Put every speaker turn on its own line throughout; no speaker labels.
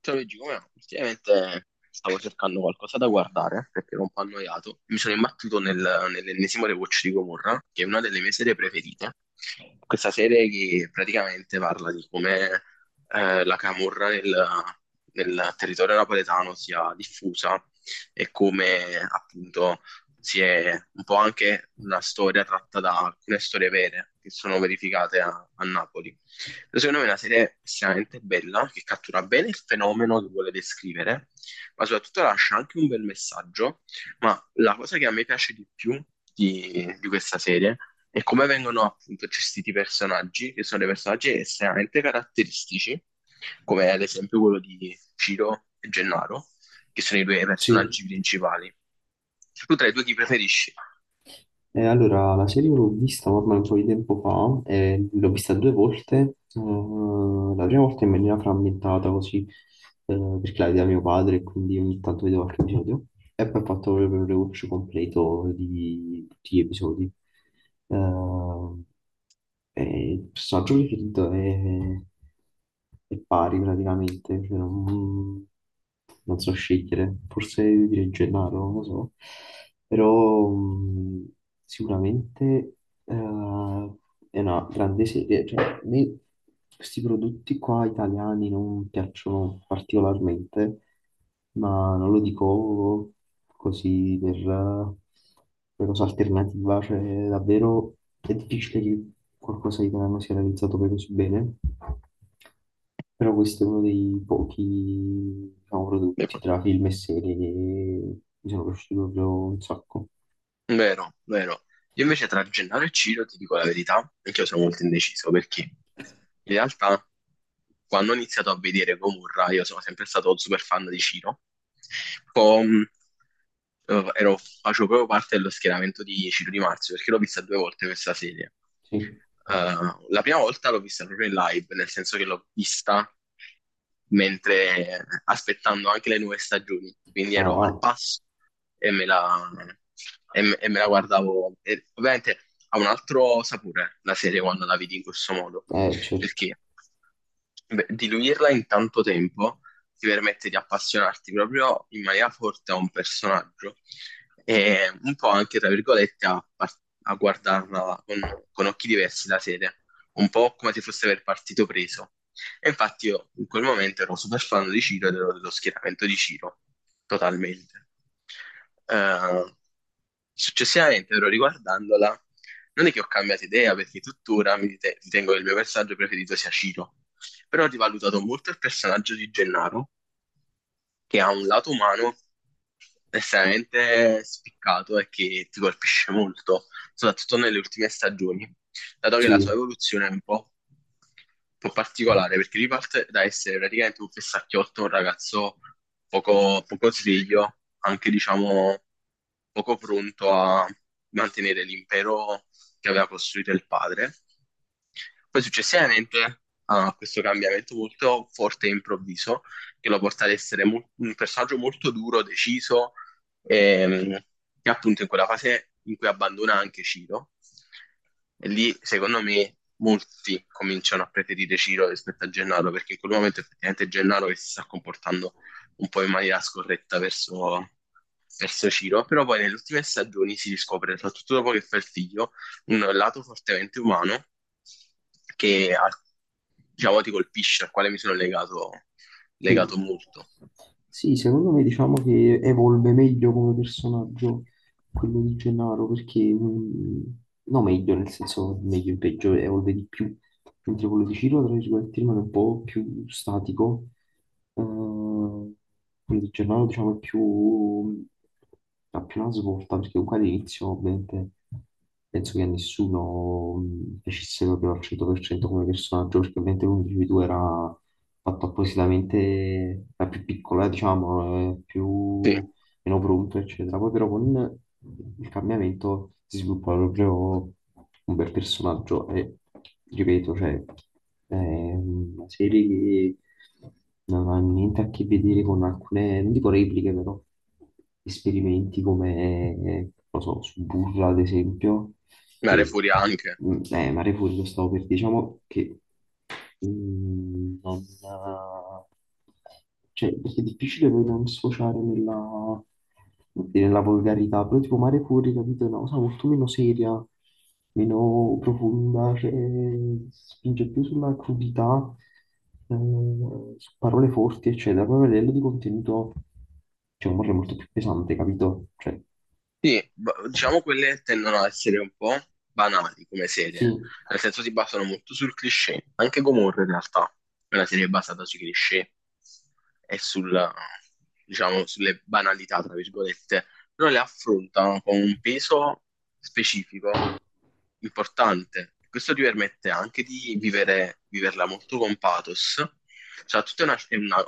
Ciao Luigi, come va? Ultimamente stavo cercando qualcosa da guardare perché ero un po' annoiato. Mi sono imbattuto nell'ennesimo rewatch di Gomorra, che è una delle mie serie preferite. Questa serie che praticamente parla di come la camorra nel territorio napoletano sia diffusa e come appunto si è un po' anche una storia tratta da alcune storie vere che sono verificate a Napoli. Secondo me è una serie estremamente bella che cattura bene il fenomeno che vuole descrivere, ma soprattutto lascia anche un bel messaggio. Ma la cosa che a me piace di più di questa serie è come vengono appunto gestiti i personaggi, che sono dei personaggi estremamente caratteristici, come ad esempio quello di Ciro e Gennaro, che sono i due
Sì,
personaggi principali. Tu tra i due chi preferisci?
allora la serie l'ho vista ormai un po' di tempo fa, l'ho vista due volte, la prima volta in maniera frammentata così, perché la vedeva mio padre e quindi ogni tanto vedevo qualche episodio. E poi ho fatto proprio il rewatch completo di tutti gli episodi. Eh, e il personaggio preferito è pari praticamente. Cioè, non so scegliere, forse direi Gennaro, non lo so, però sicuramente eh, è una grande serie. Cioè, a me questi prodotti qua italiani non piacciono particolarmente, ma non lo dico così per cosa alternativa. Cioè davvero è difficile che qualcosa di italiano sia realizzato poi così bene, però questo è uno dei pochi, diciamo, prodotti tra film e serie che mi sono piaciuti proprio un sacco.
Vero, vero. Io invece tra Gennaro e Ciro ti dico la verità, anche io sono molto indeciso perché in realtà quando ho iniziato a vedere Gomorra io sono sempre stato super fan di Ciro. Poi facevo proprio parte dello schieramento di Ciro Di Marzio perché l'ho vista due volte questa serie.
Sì,
La prima volta l'ho vista proprio in live, nel senso che l'ho vista mentre aspettando anche le nuove stagioni, quindi ero al
ah,
passo e me la, e me la guardavo. E ovviamente ha un altro sapore la serie quando la vedi in questo modo,
ah, certo,
perché beh, diluirla in tanto tempo ti permette di appassionarti proprio in maniera forte a un personaggio e un po' anche, tra virgolette, a guardarla con occhi diversi la serie, un po' come se fosse per partito preso. E infatti io in quel momento ero super fan di Ciro ed ero dello schieramento di Ciro, totalmente. Eh, Successivamente, però riguardandola, non è che ho cambiato idea perché tuttora ritengo che il mio personaggio preferito sia Ciro, però ho rivalutato molto il personaggio di Gennaro che ha un lato umano estremamente spiccato e che ti colpisce molto, soprattutto nelle ultime stagioni, dato che la sua
sì.
evoluzione è un po' particolare, perché riparte da essere praticamente un fessacchiotto, un ragazzo poco sveglio, anche diciamo poco pronto a mantenere l'impero che aveva costruito il padre. Poi successivamente a questo cambiamento molto forte e improvviso, che lo porta ad essere un personaggio molto duro, deciso, ehm, che appunto in quella fase in cui abbandona anche Ciro. E lì, secondo me, molti cominciano a preferire Ciro rispetto a Gennaro, perché in quel momento effettivamente Gennaro che si sta comportando un po' in maniera scorretta verso Ciro, però poi nelle ultime stagioni si riscopre, soprattutto dopo che fa il figlio, un lato fortemente umano che, al- diciamo, ti colpisce, al quale mi sono legato
Sì.
molto.
Sì, secondo me diciamo che evolve meglio come personaggio quello di Gennaro, perché no meglio, nel senso meglio in peggio, evolve di più, mentre quello di Ciro, tra virgolette, rimane un po' più statico. Eh, quello di Gennaro diciamo è più, ha più una svolta, perché comunque all'inizio ovviamente penso che a nessuno piacesse proprio al 100% come personaggio, perché ovviamente l'unico di due era fatto appositamente, è più piccola, diciamo, è
Sì,
più meno pronto, eccetera. Poi però con il cambiamento si sviluppa proprio un bel personaggio e, ripeto, cioè, è una serie che non ha niente a che vedere con alcune, non dico repliche, però esperimenti come, non lo so, su Burla, ad esempio,
Mare
che,
Furia anche.
Mare Fuori lo stavo per, diciamo, che non, cioè, perché è difficile poi non sfociare nella, come dire, nella volgarità, però tipo Mare Fuori, capito, è una cosa molto meno seria, meno profonda, cioè, spinge più sulla crudità, eh, su parole forti, eccetera. Poi a livello di contenuto c'è un amore molto più pesante, capito? Cioè,
Sì, diciamo quelle tendono ad essere un po' banali come serie,
sì.
nel senso si basano molto sul cliché, anche Gomorra in realtà è una serie basata sui cliché e sul, diciamo, sulle banalità, tra virgolette, però le affrontano con un peso specifico importante. Questo ti permette anche di viverla molto con pathos, cioè, tutta una, è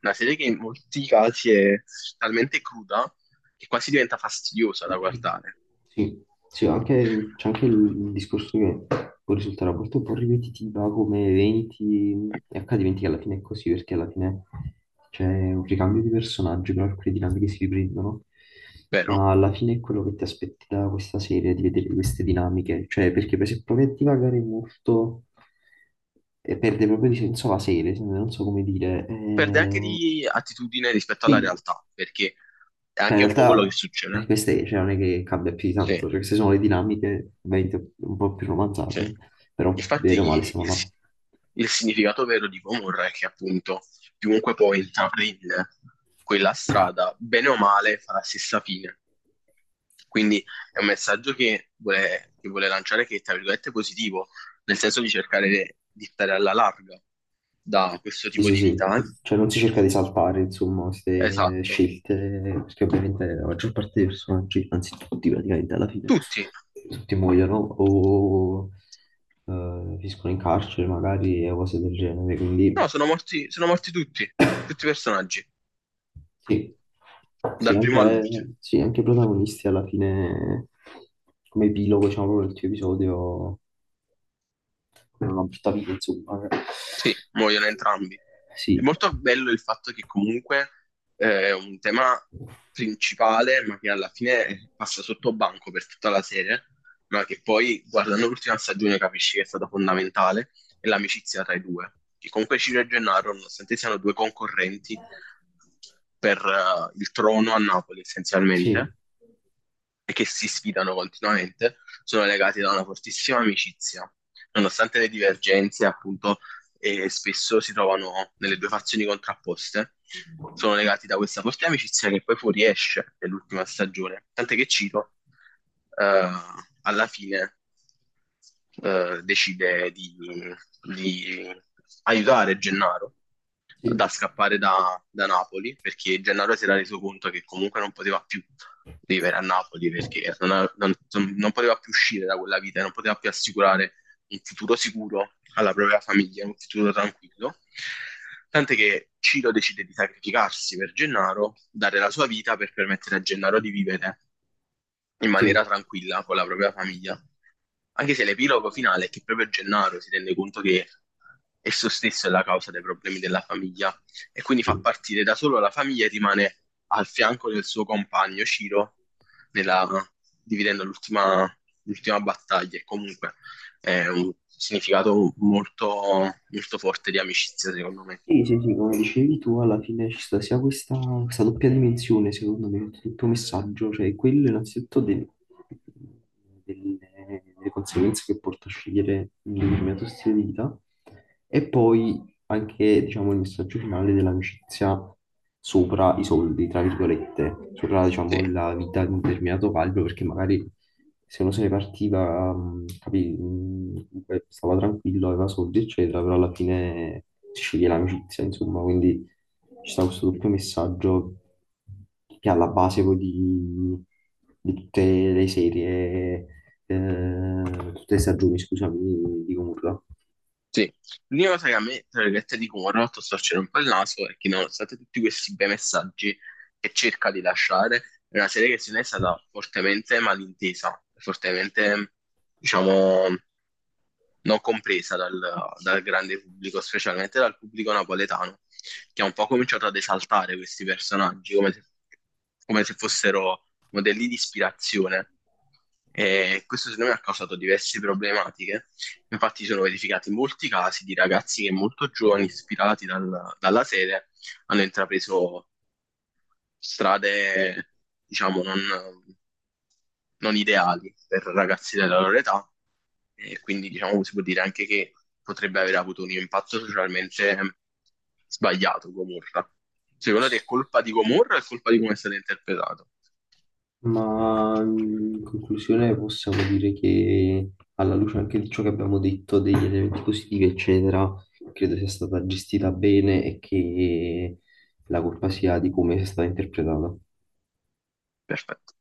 una serie che in molti casi è talmente cruda che quasi diventa fastidiosa da guardare,
Sì, sì, c'è anche il discorso che può risultare a volte un po' ripetitiva come eventi e accadimenti che alla fine è così, perché alla fine c'è un ricambio di personaggi, però alcune dinamiche si riprendono,
vero?
ma alla fine è quello che ti aspetti da questa serie, di vedere queste dinamiche, cioè perché per se provi a divagare molto e perde proprio di senso la serie, non so come dire.
Perde anche di attitudine rispetto alla
Sì,
realtà, perché è
cioè, in
anche un po' quello che
realtà
succede.
queste cioè, non è che cambia più di
Sì.
tanto, cioè, queste sono le dinamiche ovviamente un po' più
Sì.
romanzate, però
Infatti
bene o male siamo
il,
là.
il significato vero di Gomorra è che appunto chiunque poi intraprende quella strada, bene o male, fa la stessa fine. Quindi è un messaggio che vuole lanciare che è, tra virgolette, positivo, nel senso di cercare di stare alla larga da questo
Sì,
tipo
sì,
di
sì,
vita,
cioè non si cerca di saltare, insomma, queste
Esatto.
scelte, perché ovviamente la maggior parte dei personaggi, anzi tutti praticamente alla fine,
Tutti.
tutti muoiono o finiscono in carcere magari e cose del genere, quindi.
No, sono sono morti tutti, tutti i personaggi,
Sì, sì,
dal primo
anche,
all'ultimo.
sì, anche i protagonisti alla fine, come epilogo, diciamo, proprio del tuo episodio, come una brutta vita, insomma.
Sì, muoiono entrambi. È
Sì,
molto bello il fatto che comunque è un tema principale, ma che alla fine passa sotto banco per tutta la serie, ma che poi guardando l'ultima stagione capisci che è stata fondamentale, è l'amicizia tra i due. Che comunque Ciro e Gennaro, nonostante siano due concorrenti per il trono a Napoli
sì,
essenzialmente, e che si sfidano continuamente, sono legati da una fortissima amicizia, nonostante le divergenze, appunto, e spesso si trovano nelle due fazioni contrapposte. Sono legati da questa forte amicizia che poi fuoriesce nell'ultima stagione. Tant'è che Ciro, eh, alla fine, decide di aiutare Gennaro da
sì,
scappare da Napoli, perché Gennaro si era reso conto che comunque non poteva più vivere a Napoli perché non poteva più uscire da quella vita, non poteva più assicurare un futuro sicuro alla propria famiglia, un futuro tranquillo. Tant'è che Ciro decide di sacrificarsi per Gennaro, dare la sua vita per permettere a Gennaro di vivere in maniera
sì,
tranquilla con la propria famiglia. Anche se l'epilogo finale è che proprio Gennaro si rende conto che esso stesso è la causa dei problemi della famiglia e quindi fa
sì.
partire da solo la famiglia e rimane al fianco del suo compagno Ciro nella- dividendo l'ultima battaglia. E comunque è un significato molto forte di amicizia, secondo me.
Sì, sì, sì, come dicevi tu, alla fine ci sta sia questa, doppia dimensione, secondo me, del tuo messaggio, cioè quello innanzitutto delle, delle conseguenze che porta a scegliere un determinato stile di vita, e poi anche, diciamo, il messaggio finale dell'amicizia sopra i soldi, tra virgolette, sopra,
Sì.
diciamo, la vita di un determinato calibro, perché magari se uno se ne partiva, capì, comunque stava tranquillo, aveva soldi, eccetera, però alla fine si sceglie l'amicizia, insomma, quindi ci sta questo doppio messaggio che è alla base poi di tutte le serie, eh, tutte le stagioni, scusami, di Gomorra.
Sì, l'unica cosa che a me, tra virgolette, di cui mi ha fatto storcere un po' il naso è che nonostante tutti questi bei messaggi che cerca di lasciare, è una serie che se ne è stata fortemente malintesa, fortemente, diciamo, non compresa dal grande pubblico, specialmente dal pubblico napoletano, che ha un po' cominciato ad esaltare questi personaggi come se fossero modelli di ispirazione. E questo secondo me ha causato diverse problematiche. Infatti, sono verificati molti casi di ragazzi che molto giovani, ispirati dalla serie, hanno intrapreso strade, diciamo, non ideali per ragazzi della loro età e quindi, diciamo, si può dire anche che potrebbe aver avuto un impatto socialmente sbagliato Gomorra. Secondo te è colpa di Gomorra o è colpa di come è stato interpretato?
Ma in conclusione possiamo dire che alla luce anche di ciò che abbiamo detto, degli elementi positivi, eccetera, credo sia stata gestita bene e che la colpa sia di come sia stata interpretata.
Perfetto.